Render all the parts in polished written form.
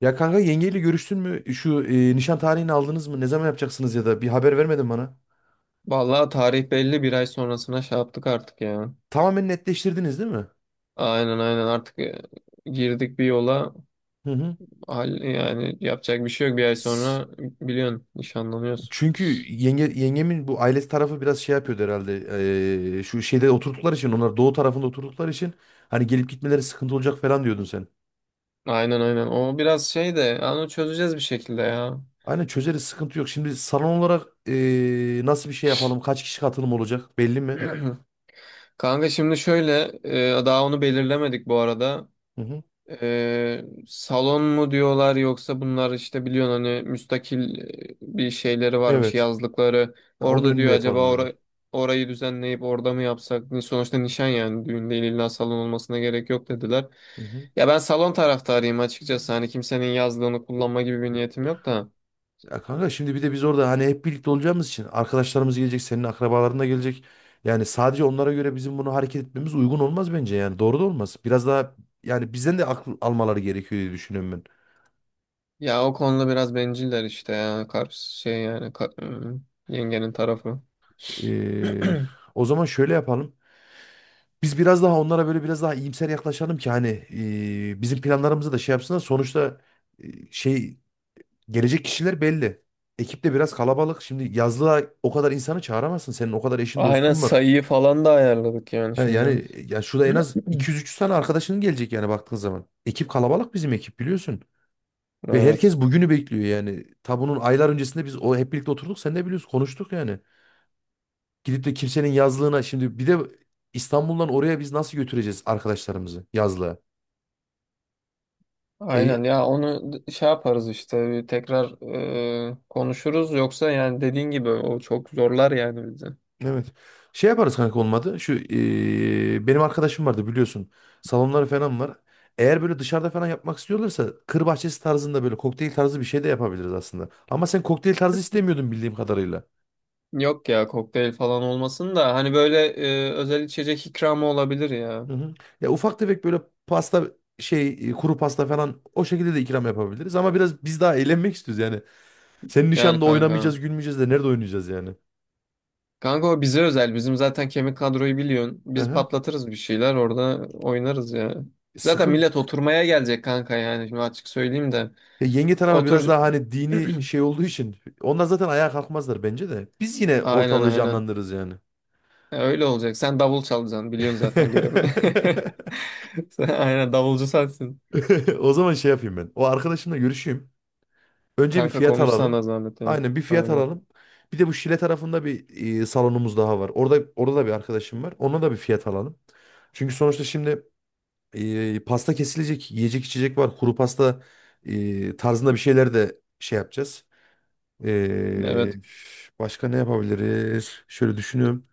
Ya kanka yengeyle görüştün mü? Şu nişan tarihini aldınız mı? Ne zaman yapacaksınız ya da bir haber vermedin bana. Vallahi tarih belli bir ay sonrasına şey yaptık artık ya. Tamamen netleştirdiniz değil mi? Aynen aynen artık girdik bir yola. Hı hı. Hal, yani yapacak bir şey yok. Bir ay S- sonra biliyorsun nişanlanıyoruz. Çünkü yenge, yengemin bu ailesi tarafı biraz şey yapıyordu herhalde. Şu şeyde oturdukları için, onlar doğu tarafında oturdukları için hani gelip gitmeleri sıkıntı olacak falan diyordun sen. Aynen aynen. O biraz şey de yani onu çözeceğiz bir şekilde ya. Aynen, çözeriz, sıkıntı yok. Şimdi salon olarak nasıl bir şey yapalım? Kaç kişi katılım olacak? Belli mi? Kanka şimdi şöyle daha onu belirlemedik bu arada. Hı hı. Salon mu diyorlar yoksa bunlar işte biliyorsun hani müstakil bir şeyleri varmış Evet. yazlıkları. Ha, onun Orada önünde diyor yapalım acaba diyorlar. orayı düzenleyip orada mı yapsak? Sonuçta nişan yani düğün değil illa salon olmasına gerek yok dediler. Hı hı. Ya ben salon taraftarıyım açıkçası hani kimsenin yazlığını kullanma gibi bir niyetim yok da. Ya kanka, şimdi bir de biz orada hani hep birlikte olacağımız için arkadaşlarımız gelecek, senin akrabaların da gelecek. Yani sadece onlara göre bizim bunu hareket etmemiz uygun olmaz bence yani. Doğru da olmaz. Biraz daha yani bizden de akıl almaları gerekiyor diye düşünüyorum ben. Ya o konuda biraz benciller işte ya karşı şey yani yengenin tarafı. Ee, O zaman şöyle yapalım. Biz biraz daha onlara böyle biraz daha iyimser yaklaşalım ki hani bizim planlarımızı da şey yapsınlar. Sonuçta şey gelecek kişiler belli. Ekip de biraz kalabalık. Şimdi yazlığa o kadar insanı çağıramazsın. Senin o kadar eşin Aynen dostun var. sayıyı falan da ayarladık yani Ha, şimdi. yani ya şurada en az 200-300 tane arkadaşının gelecek yani baktığın zaman. Ekip kalabalık, bizim ekip biliyorsun. Ve Evet. herkes bugünü bekliyor yani. Ta bunun aylar öncesinde biz o hep birlikte oturduk, sen de biliyorsun, konuştuk yani. Gidip de kimsenin yazlığına şimdi, bir de İstanbul'dan oraya biz nasıl götüreceğiz arkadaşlarımızı yazlığa? Aynen E, ya şey yaparız işte bir tekrar konuşuruz yoksa yani dediğin gibi o çok zorlar yani bizi. Evet. Şey yaparız kanka olmadı. Şu benim arkadaşım vardı biliyorsun. Salonları falan var. Eğer böyle dışarıda falan yapmak istiyorlarsa kır bahçesi tarzında böyle kokteyl tarzı bir şey de yapabiliriz aslında. Ama sen kokteyl tarzı istemiyordun bildiğim kadarıyla. Yok ya kokteyl falan olmasın da hani böyle özel içecek ikramı olabilir ya. Hı hı. Ya ufak tefek böyle pasta, şey, kuru pasta falan o şekilde de ikram yapabiliriz. Ama biraz biz daha eğlenmek istiyoruz yani. Senin Yani nişanda kanka. oynamayacağız, gülmeyeceğiz de nerede oynayacağız yani? Kanka o bize özel. Bizim zaten kemik kadroyu biliyorsun. Hı Biz hı. patlatırız bir şeyler orada oynarız ya. Zaten Sıkıntı. millet oturmaya gelecek kanka yani şimdi açık söyleyeyim de. Ya yenge tarafı biraz Otur. daha hani dini şey olduğu için onlar zaten ayağa kalkmazlar bence de. Biz yine Aynen ortalığı aynen. canlandırırız yani. Öyle olacak. Sen davul çalacaksın. Biliyorsun zaten görevini. Sen aynen davulcu sensin. O zaman şey yapayım ben. O arkadaşımla görüşeyim. Önce bir Kanka fiyat alalım. konuşsana zahmet yani. Aynen, bir fiyat Aynen. alalım. Bir de bu Şile tarafında bir salonumuz daha var. Orada da bir arkadaşım var. Ona da bir fiyat alalım. Çünkü sonuçta şimdi pasta kesilecek, yiyecek içecek var. Kuru pasta tarzında bir şeyler de şey yapacağız. Ee, Evet. Başka ne yapabiliriz? Şöyle düşünüyorum.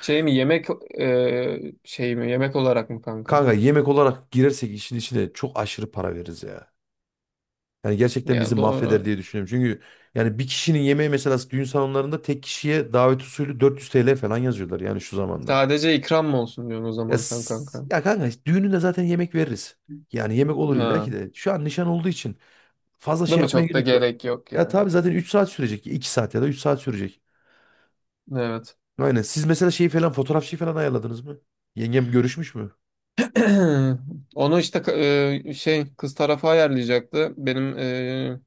Şey mi yemek Şey mi yemek olarak mı kanka? Kanka, yemek olarak girersek işin içine çok aşırı para veririz ya. Yani gerçekten bizi Ya mahveder doğru. diye düşünüyorum. Çünkü yani bir kişinin yemeği mesela düğün salonlarında tek kişiye davet usulü 400 TL falan yazıyorlar yani şu zamanda. Sadece ikram mı olsun diyorsun o Ya, zaman sen kanka. ya kanka düğününde zaten yemek veririz. Yani yemek olur illa Ha. ki de. Şu an nişan olduğu için fazla Değil şey mi? yapmaya Çok da gerek yok. gerek yok Ya ya. tabii zaten 3 saat sürecek. İki saat ya da 3 saat sürecek. Evet. Aynen. Siz mesela şeyi falan, fotoğrafçıyı falan ayarladınız mı? Yengem görüşmüş mü? Onu işte şey kız tarafı ayarlayacaktı. Benim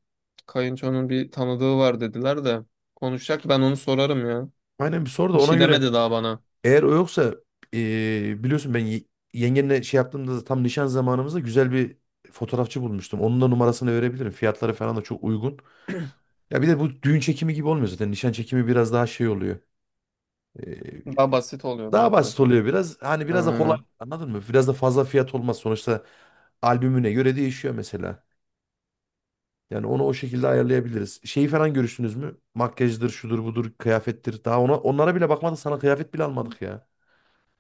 kayınçonun bir tanıdığı var dediler de konuşacak. Ben onu sorarım ya. Aynen, bir sor, da Bir ona şey göre demedi daha bana. eğer o yoksa, biliyorsun ben yengenle şey yaptığımda tam nişan zamanımızda güzel bir fotoğrafçı bulmuştum. Onun da numarasını verebilirim. Fiyatları falan da çok uygun. Ya bir de bu düğün çekimi gibi olmuyor zaten. Nişan çekimi biraz daha şey oluyor. Eee, Daha basit oluyor değil mi Daha basit kanka? oluyor biraz. Hani biraz da kolay, Aynen. anladın mı? Biraz da fazla fiyat olmaz. Sonuçta albümüne göre değişiyor mesela. Yani onu o şekilde ayarlayabiliriz. Şeyi falan görüştünüz mü? Makyajdır, şudur budur, kıyafettir. Daha ona, onlara bile bakmadık. Sana kıyafet bile almadık ya.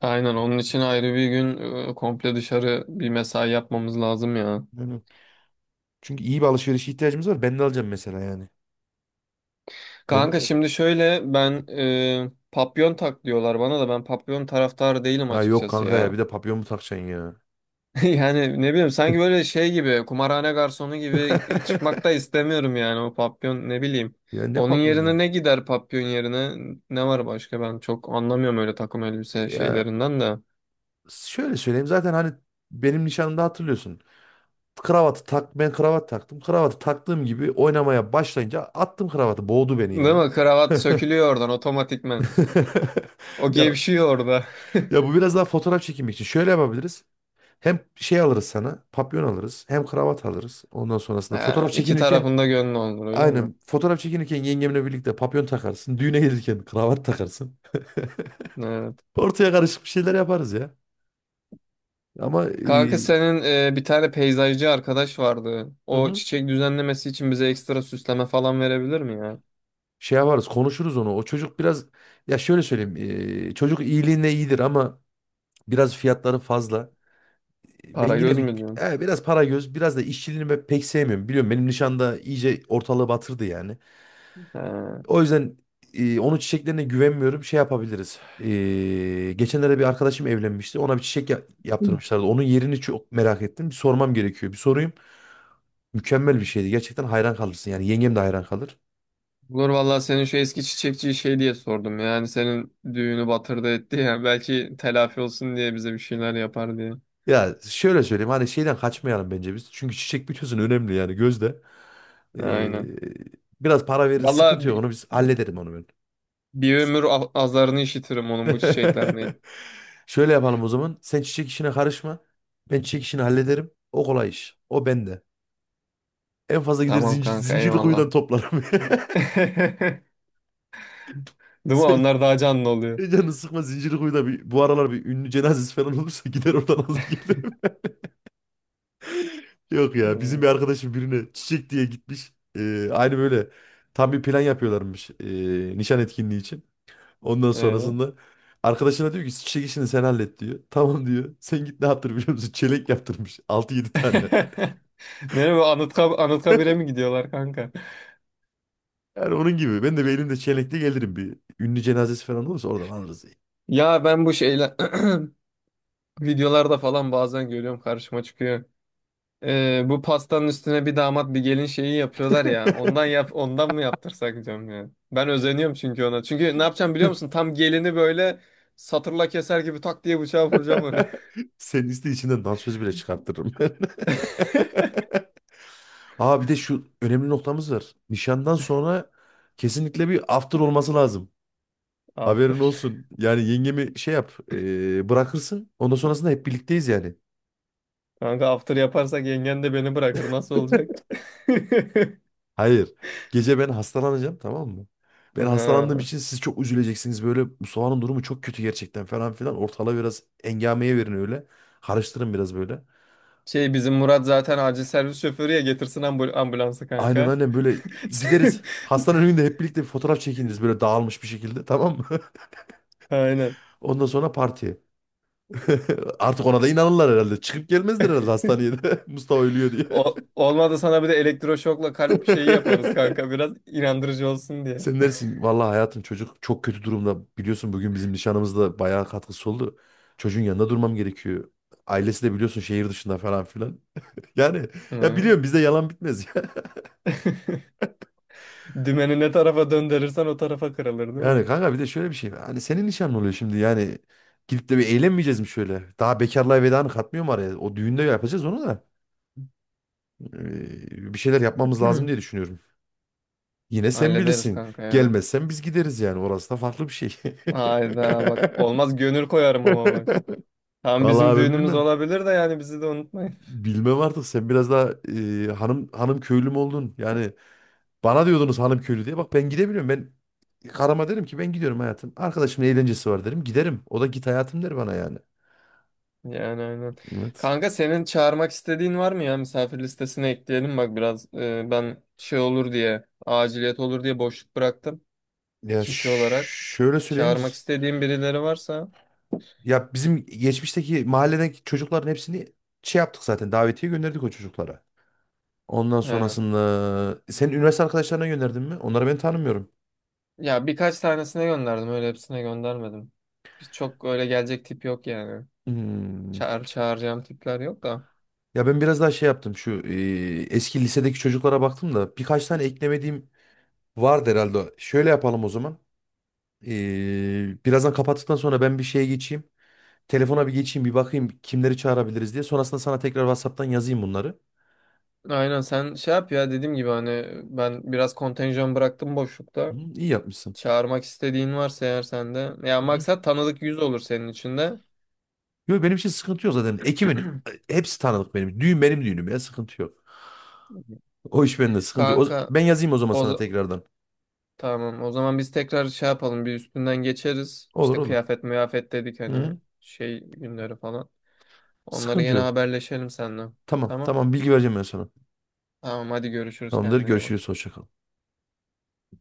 Aynen onun için ayrı bir gün komple dışarı bir mesai yapmamız lazım ya. Aynen. Çünkü iyi bir alışveriş ihtiyacımız var. Ben de alacağım mesela yani. Ben, Kanka evet. şimdi şöyle ben papyon tak diyorlar bana da ben papyon taraftarı değilim Ha yok açıkçası kanka ya, bir ya. de papyon mu takacaksın ya? Yani ne bileyim sanki böyle şey gibi kumarhane garsonu gibi çıkmak da istemiyorum yani o papyon ne bileyim. Ya ne Onun yerine papyonu? ne gider papyon yerine ne var başka ben çok anlamıyorum öyle takım elbise Ya şeylerinden de. şöyle söyleyeyim, zaten hani benim nişanımda hatırlıyorsun. Kravatı tak, ben kravat taktım. Kravatı taktığım gibi oynamaya başlayınca attım kravatı. Boğdu beni Değil yani. mi? Kravat sökülüyor oradan otomatikman. O Ya, gevşiyor orada. Bu biraz daha fotoğraf çekimi için. Şöyle yapabiliriz. Hem şey alırız sana, papyon alırız, hem kravat alırız. Ondan sonrasında Ha, fotoğraf iki çekinirken, tarafında gönlü olur öyle mi? aynen. Fotoğraf çekinirken yengemle birlikte papyon takarsın. Düğüne gelirken kravat takarsın. Evet. Ortaya karışık bir şeyler yaparız ya. Ama Kanka senin bir tane peyzajcı arkadaş vardı. hı O hı, çiçek düzenlemesi için bize ekstra süsleme falan verebilir mi ya? şey yaparız, konuşuruz onu. O çocuk biraz, ya şöyle söyleyeyim. Çocuk iyiliğine iyidir ama biraz fiyatları fazla. Ben Para yine göz bir mü diyorsun? Biraz para göz, biraz da işçiliğini ben pek sevmiyorum. Biliyorum, benim nişanda iyice ortalığı batırdı yani. He. O yüzden onun çiçeklerine güvenmiyorum. Şey yapabiliriz. Geçenlerde bir arkadaşım evlenmişti. Ona bir çiçek yaptırmışlardı. Onun yerini çok merak ettim. Bir sormam gerekiyor. Bir sorayım. Mükemmel bir şeydi. Gerçekten hayran kalırsın. Yani yengem de hayran kalır. Olur vallahi senin şu eski çiçekçiyi şey diye sordum. Yani senin düğünü batırdı etti ya. Belki telafi olsun diye bize bir şeyler yapar diye. Ya şöyle söyleyeyim. Hani şeyden kaçmayalım bence biz. Çünkü çiçek bütüsün önemli yani gözde. E, Aynen. Biraz para veririz. Sıkıntı Vallahi yok. Onu biz hallederim, onu ben. bir ömür azarını işitirim onun bu çiçeklerine. Şöyle yapalım o zaman. Sen çiçek işine karışma. Ben çiçek işini hallederim. O kolay iş. O bende. En fazla gider Tamam zincir, kanka zincirli kuyudan eyvallah. toplarım. Değil mi? Sen Onlar daha canlı oluyor. canını sıkma, zincirli kuyuda bir, bu aralar bir ünlü cenazesi falan olursa gider oradan alır gelirim. Yok ya, bizim bir Hmm, arkadaşım birine çiçek diye gitmiş. Aynı böyle tam bir plan yapıyorlarmış, nişan etkinliği için. Ondan evet. sonrasında arkadaşına diyor ki, çiçek işini sen hallet diyor. Tamam diyor. Sen git ne yaptır biliyor musun? Çelenk yaptırmış, altı yedi tane. Nereye bu Anıtkabir'e mi gidiyorlar kanka? Yani onun gibi ben de bir elimde çelenkle gelirim bir. Ünlü cenazesi falan olursa oradan alırız. Ya ben bu şeyler videolarda falan bazen görüyorum karşıma çıkıyor. Bu pastanın üstüne bir damat bir gelin şeyi yapıyorlar ya. Ondan mı yaptırsak diyorum ya. Ben özeniyorum çünkü ona. Çünkü ne yapacağım biliyor musun? Tam gelini böyle satırla keser gibi tak diye bıçağı vuracağım oraya. Senin liste içinden dansöz bile çıkarttırırım ben. Aa, bir de şu önemli noktamız var. Nişandan sonra kesinlikle bir after olması lazım. Haberin Aferin. olsun. Yani yengemi şey yap, bırakırsın. Ondan sonrasında hep birlikteyiz yani. Kanka after yaparsak yengen de beni bırakır. Nasıl olacak? Hayır. Gece ben hastalanacağım tamam mı? Ben hastalandığım Ha. için siz çok üzüleceksiniz. Böyle Mustafa'nın durumu çok kötü gerçekten falan filan. Ortalığı biraz engameye verin öyle. Karıştırın biraz böyle. Şey bizim Murat zaten acil servis şoförü ya getirsin ambulansı Aynen kanka. aynen, böyle gideriz. Hastanın önünde hep birlikte bir fotoğraf çekiniriz böyle dağılmış bir şekilde, tamam mı? Aynen. Ondan sonra partiye. Artık ona da inanırlar herhalde. Çıkıp gelmezler herhalde hastaneye de. Mustafa ölüyor diye. O, olmadı sana bir de elektroşokla kalp şeyi yaparız kanka biraz inandırıcı olsun diye. Sen dersin, vallahi hayatım çocuk çok kötü durumda. Biliyorsun bugün bizim nişanımızda bayağı katkısı oldu. Çocuğun yanında durmam gerekiyor. Ailesi de biliyorsun şehir dışında, falan filan. Yani, ya Hı. biliyorum bizde yalan bitmez. Dümeni ne tarafa döndürürsen o tarafa kırılır değil mi? Yani kanka bir de şöyle bir şey var. Hani senin nişanlı oluyor şimdi yani. Gidip de bir eğlenmeyeceğiz mi şöyle? Daha bekarlığa veda mı katmıyor mu araya? O düğünde yapacağız onu da. Bir şeyler yapmamız lazım Hı. diye düşünüyorum. Yine sen Hallederiz bilirsin. kanka ya. Gelmezsen biz gideriz yani. Orası da farklı bir şey. Hayda bak olmaz gönül koyarım ama bak. Tam bizim Vallahi ben düğünümüz bilmem. olabilir de yani bizi de unutmayın. Bilmem artık, sen biraz daha hanım hanım köylü mü oldun? Yani bana diyordunuz hanım köylü diye. Bak ben gidemiyorum. Ben karıma derim ki, ben gidiyorum hayatım. Arkadaşımın eğlencesi var derim. Giderim. O da git hayatım der bana yani. Yani aynen. Evet. Kanka senin çağırmak istediğin var mı ya? Misafir listesine ekleyelim bak biraz. Ben şey olur diye, aciliyet olur diye boşluk bıraktım Ya, kişi olarak. Şöyle söyleyeyim. Çağırmak istediğim birileri varsa. Ya bizim geçmişteki mahalledeki çocukların hepsini şey yaptık zaten. Davetiye gönderdik o çocuklara. Ondan He. sonrasında senin üniversite arkadaşlarına gönderdin mi? Onları ben tanımıyorum. Ya birkaç tanesine gönderdim öyle hepsine göndermedim. Biz çok öyle gelecek tip yok yani. Hmm. Çağıracağım tipler yok da. Ya ben biraz daha şey yaptım. Şu eski lisedeki çocuklara baktım da birkaç tane eklemediğim vardı herhalde. Şöyle yapalım o zaman. Birazdan kapattıktan sonra ben bir şeye geçeyim. Telefona bir geçeyim, bir bakayım kimleri çağırabiliriz diye. Sonrasında sana tekrar WhatsApp'tan yazayım bunları. Aynen sen şey yap ya dediğim gibi hani ben biraz kontenjan bıraktım boşlukta. Hı, iyi yapmışsın. Çağırmak istediğin varsa eğer sende. Ya Hı hı. maksat tanıdık yüz olur senin için de. Yok benim için sıkıntı yok zaten. Ekibin hepsi tanıdık benim. Düğün benim düğünüm ya, sıkıntı yok. O iş bende, sıkıntı yok. Kanka Ben yazayım o zaman o sana za- tekrardan. tamam o zaman biz tekrar şey yapalım bir üstünden geçeriz. Olur İşte olur. kıyafet müyafet dedik Hı hani hı. şey günleri falan. Onları Sıkıntı yine yok. haberleşelim seninle. Tamam Tamam. tamam, bilgi vereceğim ben sana. Tamam hadi görüşürüz Tamamdır, kendine iyi bak. görüşürüz, hoşça kal.